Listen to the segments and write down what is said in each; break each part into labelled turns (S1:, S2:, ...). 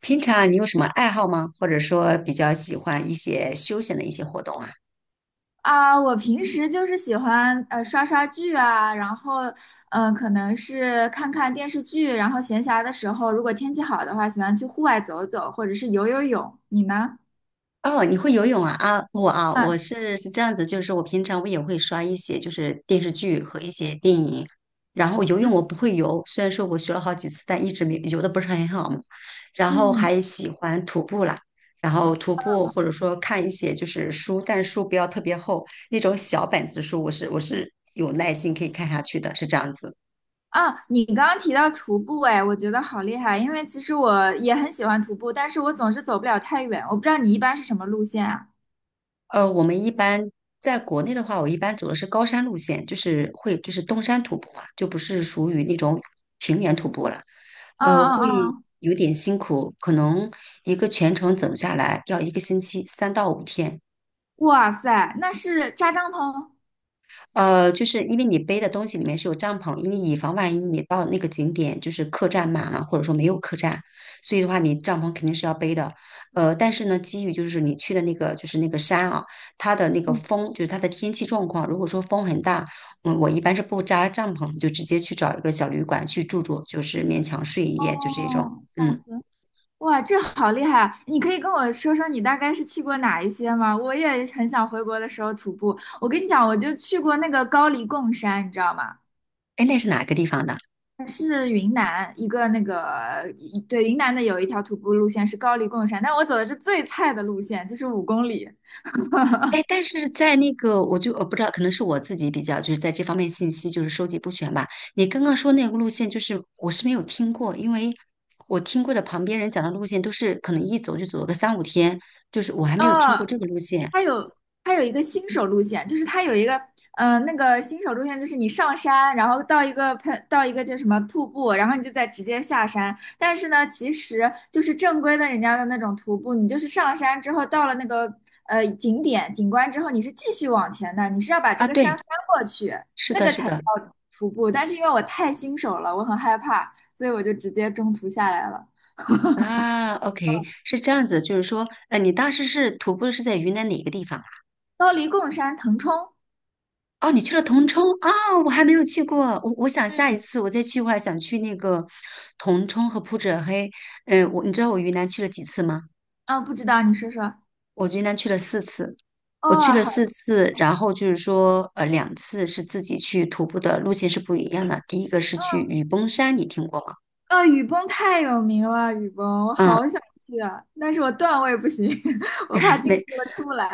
S1: 平常你有什么爱好吗？或者说比较喜欢一些休闲的一些活动啊？
S2: 啊，我平时就是喜欢刷刷剧啊，然后可能是看看电视剧，然后闲暇的时候，如果天气好的话，喜欢去户外走走，或者是游游泳。你呢？
S1: 哦，你会游泳啊？啊，我啊，
S2: 啊，
S1: 我是这样子，就是我平常我也会刷一些就是电视剧和一些电影，然后游泳
S2: 嗯
S1: 我不会游，虽然说我学了好几次，但一直没游的不是很好嘛。然后
S2: 嗯
S1: 还喜欢徒步啦，然后徒步或者说看一些就是书，但是书不要特别厚，那种小本子书，我是有耐心可以看下去的，是这样子。
S2: 啊，你刚刚提到徒步，哎，我觉得好厉害，因为其实我也很喜欢徒步，但是我总是走不了太远。我不知道你一般是什么路线啊？
S1: 我们一般在国内的话，我一般走的是高山路线，就是会就是登山徒步嘛，就不是属于那种平原徒步了，
S2: 啊啊
S1: 会
S2: 啊！
S1: 有点辛苦，可能一个全程走下来要一个星期，3到5天。
S2: 哇塞，那是扎帐篷？
S1: 就是因为你背的东西里面是有帐篷，因为以防万一你到那个景点就是客栈满了，或者说没有客栈，所以的话你帐篷肯定是要背的。但是呢，基于就是你去的那个山啊，它的那个
S2: 嗯，
S1: 风就是它的天气状况，如果说风很大，嗯，我一般是不扎帐篷，就直接去找一个小旅馆去住住，就是勉强睡一夜，就这种。
S2: 哦，好
S1: 嗯，
S2: 行。哇，这好厉害啊，你可以跟我说说你大概是去过哪一些吗？我也很想回国的时候徒步。我跟你讲，我就去过那个高黎贡山，你知道吗？
S1: 哎，那是哪个地方的？
S2: 是云南一个那个，一对，云南的有一条徒步路线是高黎贡山，但我走的是最菜的路线，就是5公里。
S1: 哎，但是在那个，我不知道，可能是我自己比较就是在这方面信息就是收集不全吧。你刚刚说那个路线，就是我是没有听过，因为我听过的旁边人讲的路线都是可能一走就走了个三五天，就是我还没有听过
S2: 嗯，
S1: 这个路线
S2: 它有它有一个新手路线，就是它有一个嗯，那个新手路线，就是你上山，然后到一个到一个叫什么瀑布，然后你就再直接下山。但是呢，其实就是正规的人家的那种徒步，你就是上山之后到了那个景点景观之后，你是继续往前的，你是要把这
S1: 啊。
S2: 个
S1: 对，
S2: 山翻过去，
S1: 是
S2: 那
S1: 的，
S2: 个
S1: 是
S2: 才
S1: 的
S2: 叫徒步。但是因为我太新手了，我很害怕，所以我就直接中途下来了。
S1: 啊。OK，是这样子，就是说，你当时是徒步是在云南哪个地方？
S2: 高黎贡山腾冲，
S1: 哦，你去了铜冲啊，我还没有去过。我想下一
S2: 嗯，
S1: 次我再去，我还想去那个铜冲和普者黑。嗯，我你知道我云南去了几次吗？
S2: 啊，不知道，你说说。
S1: 我云南去了四次，我去
S2: 哦，
S1: 了四
S2: 好。
S1: 次，然后就是说，2次是自己去徒步的，路线是不一样的。第一个是去
S2: 的，
S1: 雨崩山，你听过吗？
S2: 啊，雨崩太有名了，雨崩，我
S1: 嗯，
S2: 好想去啊，但是我段位不行，我怕 进去
S1: 没。
S2: 了出不来。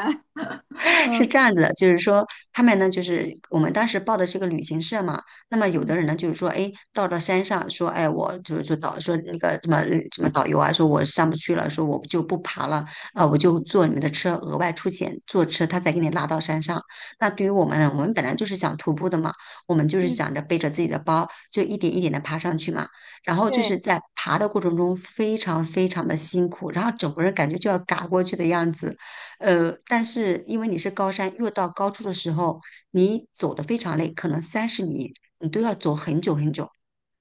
S1: 是
S2: 嗯
S1: 这样子的，就是说他们呢，就是我们当时报的是个旅行社嘛，那么有的
S2: 嗯，
S1: 人呢，就是说，哎，到了山上说，哎，我就是说那个什么导游啊，说我上不去了，说我就不爬了，啊、我就坐你们的车，额外出钱坐车，他再给你拉到山上。那对于我们呢，我们本来就是想徒步的嘛，我们就是想着背着自己的包，就一点一点的爬上去嘛。然后就
S2: 对，
S1: 是在爬的过程中非常非常的辛苦，然后整个人感觉就要嘎过去的样子。但是因为你是高山，越到高处的时候，你走的非常累，可能三十米你都要走很久很久，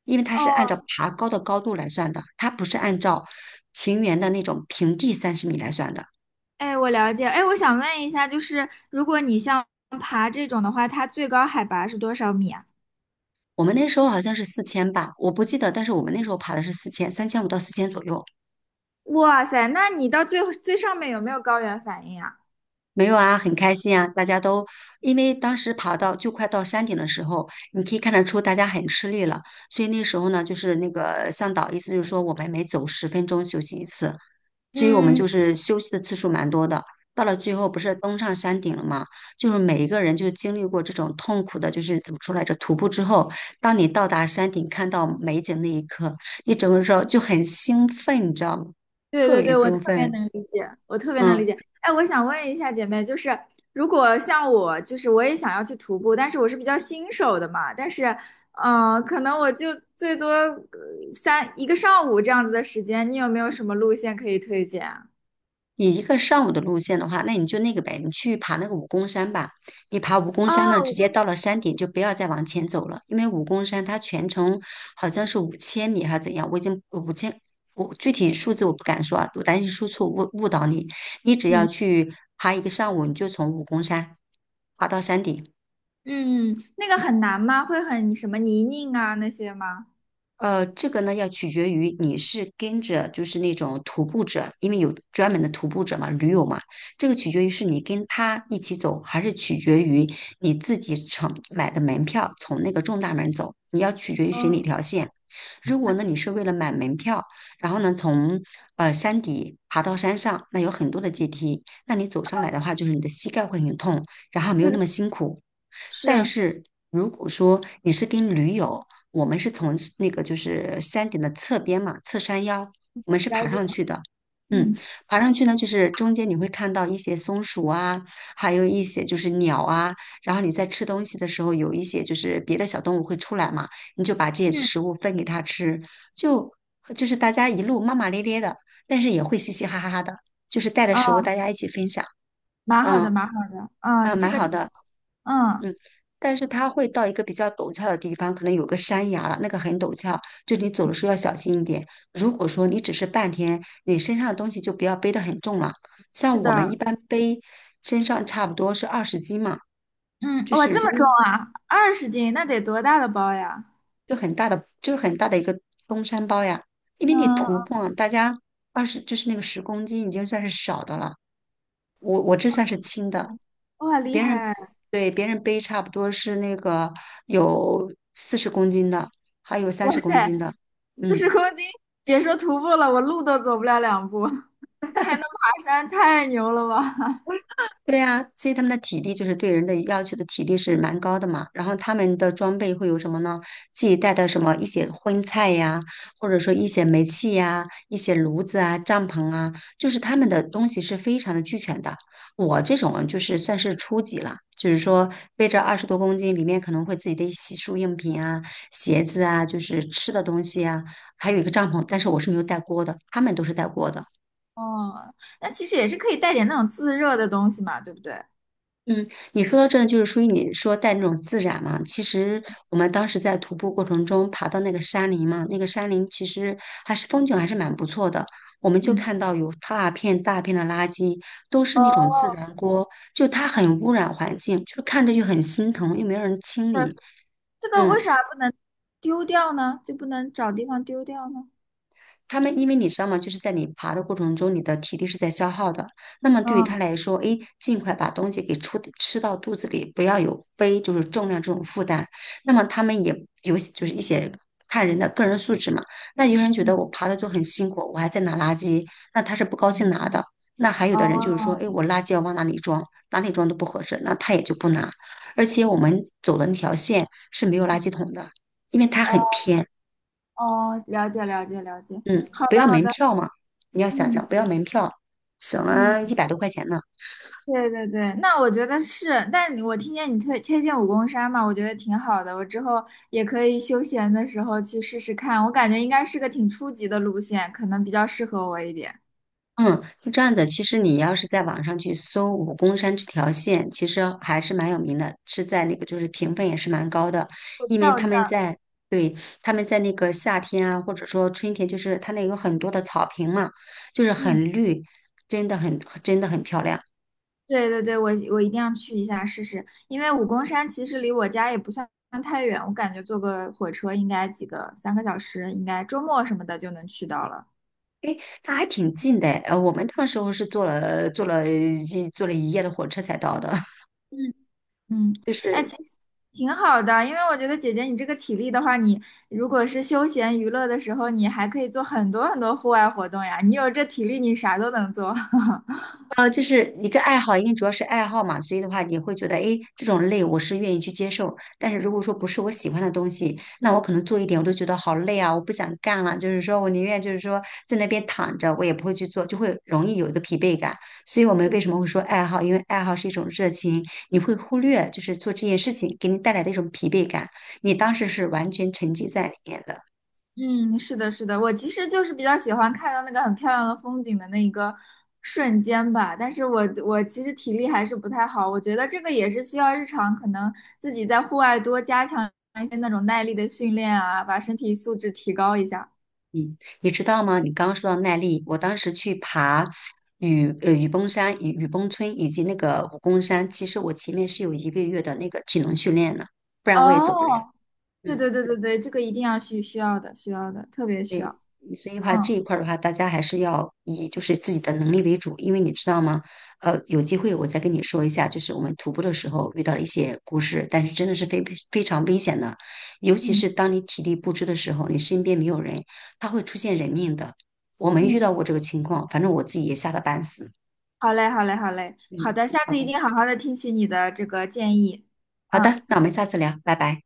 S1: 因为它是按照
S2: 哦，
S1: 爬高的高度来算的，它不是按照平原的那种平地三十米来算的。
S2: 哎，我了解。哎，我想问一下，就是如果你像爬这种的话，它最高海拔是多少米啊？
S1: 我们那时候好像是四千吧，我不记得，但是我们那时候爬的是四千，3500到四千左右。
S2: 哇塞，那你到最最上面有没有高原反应啊？
S1: 没有啊，很开心啊！大家都因为当时爬到就快到山顶的时候，你可以看得出大家很吃力了，所以那时候呢，就是那个向导意思就是说我们每走10分钟休息一次，所以我们
S2: 嗯，
S1: 就是休息的次数蛮多的。到了最后不是登上山顶了吗？就是每一个人就经历过这种痛苦的，就是怎么说来着，徒步之后，当你到达山顶看到美景那一刻，你整个时候就很兴奋，你知道吗？
S2: 对
S1: 特
S2: 对
S1: 别
S2: 对，我特
S1: 兴
S2: 别
S1: 奋，
S2: 能理解，我特别能理
S1: 嗯。
S2: 解。哎，我想问一下姐妹，就是如果像我，就是我也想要去徒步，但是我是比较新手的嘛，但是，可能我就最多一个上午这样子的时间，你有没有什么路线可以推荐啊？
S1: 你一个上午的路线的话，那你就那个呗，你去爬那个武功山吧。你爬武功山呢，直
S2: 哦，
S1: 接到了山顶就不要再往前走了，因为武功山它全程好像是5000米还是怎样，我已经五千，我具体数字我不敢说啊，我担心说错误误导你。你只要
S2: 嗯
S1: 去爬一个上午，你就从武功山爬到山顶。
S2: 嗯，那个很难吗？会很什么泥泞啊那些吗？
S1: 这个呢要取决于你是跟着就是那种徒步者，因为有专门的徒步者嘛，驴友嘛，这个取决于是你跟他一起走，还是取决于你自己乘买的门票从那个正大门走，你要取决于选哪
S2: 嗯，
S1: 条线。如果呢你是为了买门票，然后呢从山底爬到山上，那有很多的阶梯，那你走上来的话，就是你的膝盖会很痛，然后没有
S2: 这
S1: 那
S2: 个
S1: 么辛苦。但
S2: 是
S1: 是如果说你是跟驴友，我们是从那个就是山顶的侧边嘛，侧山腰，我们是
S2: 了
S1: 爬
S2: 解，
S1: 上去的。嗯，
S2: 嗯
S1: 爬上去呢，就是中间你会看到一些松鼠啊，还有一些就是鸟啊。然后你在吃东西的时候，有一些就是别的小动物会出来嘛，你就把这些
S2: 嗯，
S1: 食物分给它吃，就就是大家一路骂骂咧咧的，但是也会嘻嘻哈哈的，就是带着食物
S2: 哦，
S1: 大家一起分享。
S2: 蛮好
S1: 嗯，
S2: 的，蛮好的，啊、
S1: 嗯，
S2: 这
S1: 蛮
S2: 个
S1: 好
S2: 挺，
S1: 的。
S2: 嗯，
S1: 嗯，但是它会到一个比较陡峭的地方，可能有个山崖了，那个很陡峭，就你走的时候要小心一点。如果说你只是半天，你身上的东西就不要背得很重了。
S2: 是
S1: 像我
S2: 的。
S1: 们一般背身上差不多是20斤嘛，
S2: 嗯，
S1: 就
S2: 哇，
S1: 是
S2: 这
S1: 如
S2: 么
S1: 果
S2: 重啊，20斤，那得多大的包呀？
S1: 就很大的，就是很大的一个登山包呀，因为你徒
S2: 嗯，
S1: 步啊，大家二十就是那个十公斤已经算是少的了，我这算是轻的，
S2: 哇，厉
S1: 别人
S2: 害！
S1: 对别人背差不多是那个有40公斤的，还有三
S2: 哇
S1: 十公
S2: 塞，
S1: 斤的，
S2: 四十
S1: 嗯。
S2: 公斤，别说徒步了，我路都走不了两步，那还能爬山，太牛了吧？
S1: 对呀，所以他们的体力就是对人的要求的体力是蛮高的嘛。然后他们的装备会有什么呢？自己带的什么一些荤菜呀，或者说一些煤气呀、一些炉子啊、帐篷啊，就是他们的东西是非常的俱全的。我这种啊就是算是初级了，就是说背着20多公斤，里面可能会自己的洗漱用品啊、鞋子啊，就是吃的东西啊，还有一个帐篷，但是我是没有带锅的，他们都是带锅的。
S2: 哦，那其实也是可以带点那种自热的东西嘛，对不对？
S1: 嗯，你说到这个就是属于你说带那种自然嘛。其实我们当时在徒步过程中爬到那个山林嘛，那个山林其实还是风景还是蛮不错的。我们就
S2: 嗯，
S1: 看到有大片大片的垃圾，都是那种
S2: 哦，
S1: 自然锅，就它很污染环境，就是看着就很心疼，又没有人清
S2: 对，
S1: 理。
S2: 这个为
S1: 嗯。
S2: 啥不能丢掉呢？就不能找地方丢掉呢？
S1: 他们因为你知道吗？就是在你爬的过程中，你的体力是在消耗的。那么对于他
S2: 嗯，
S1: 来说，诶，尽快把东西给出吃到肚子里，不要有背就是重量这种负担。那么他们也有就是一些看人的个人素质嘛。那有人觉得我爬的就很辛苦，我还在拿垃圾，那他是不高兴拿的。那还有的人就是说，
S2: 哦
S1: 诶，我垃圾要往哪里装，哪里装都不合适，那他也就不拿。而且我们走的那条线是没有垃圾桶的，因为它
S2: 哦
S1: 很偏。
S2: 哦，了解了解了解，
S1: 嗯，
S2: 好
S1: 不
S2: 的
S1: 要
S2: 好
S1: 门
S2: 的，
S1: 票嘛，你要想
S2: 嗯
S1: 想不要门票，省了一
S2: 嗯，
S1: 百多块钱呢。
S2: 对对对，那我觉得是，但你我听见你推荐武功山嘛，我觉得挺好的，我之后也可以休闲的时候去试试看，我感觉应该是个挺初级的路线，可能比较适合我一点。
S1: 嗯，是这样的，其实你要是在网上去搜武功山这条线，其实还是蛮有名的，是在那个就是评分也是蛮高的，
S2: 我知
S1: 因为
S2: 道，我
S1: 他
S2: 知道，
S1: 们在对他们在那个夏天啊，或者说春天，就是它那有很多的草坪嘛，就是
S2: 嗯，
S1: 很绿，真的很漂亮。
S2: 对对对，我一定要去一下试试，因为武功山其实离我家也不算太远，我感觉坐个火车应该几个，3个小时，应该周末什么的就能去到了。
S1: 它还挺近的，我们那时候是坐了一夜的火车才到的，
S2: 嗯。嗯，
S1: 就
S2: 哎，
S1: 是
S2: 其实挺好的，因为我觉得姐姐你这个体力的话，你如果是休闲娱乐的时候，你还可以做很多很多户外活动呀。你有这体力，你啥都能做。
S1: 就是一个爱好，因为主要是爱好嘛，所以的话，你会觉得，哎，这种累我是愿意去接受。但是如果说不是我喜欢的东西，那我可能做一点我都觉得好累啊，我不想干了。就是说我宁愿就是说在那边躺着，我也不会去做，就会容易有一个疲惫感。所以我们为什么会说爱好？因为爱好是一种热情，你会忽略就是做这件事情给你带来的一种疲惫感，你当时是完全沉浸在里面的。
S2: 嗯，是的，是的，我其实就是比较喜欢看到那个很漂亮的风景的那一个瞬间吧，但是我其实体力还是不太好，我觉得这个也是需要日常可能自己在户外多加强一些那种耐力的训练啊，把身体素质提高一下。
S1: 嗯，你知道吗？你刚刚说到耐力，我当时去爬雨崩山、雨崩村以及那个武功山，其实我前面是有一个月的那个体能训练的，不然我也走不了。
S2: 哦，对
S1: 嗯。
S2: 对对对对，这个一定要需要的，需要的，特别需要。
S1: 所以的话，这一
S2: 嗯
S1: 块儿的话，大家还是要以就是自己的能力为主，因为你知道吗？有机会我再跟你说一下，就是我们徒步的时候遇到了一些故事，但是真的是非常危险的，尤其
S2: 嗯
S1: 是当你体力不支的时候，你身边没有人，它会出现人命的。我没遇
S2: 嗯，
S1: 到过这个情况，反正我自己也吓得半死。
S2: 好嘞，好嘞，好嘞，好
S1: 嗯，
S2: 的，下
S1: 好
S2: 次一
S1: 的，
S2: 定好好的听取你的这个建议。
S1: 好
S2: 嗯。
S1: 的，那我们下次聊，拜拜。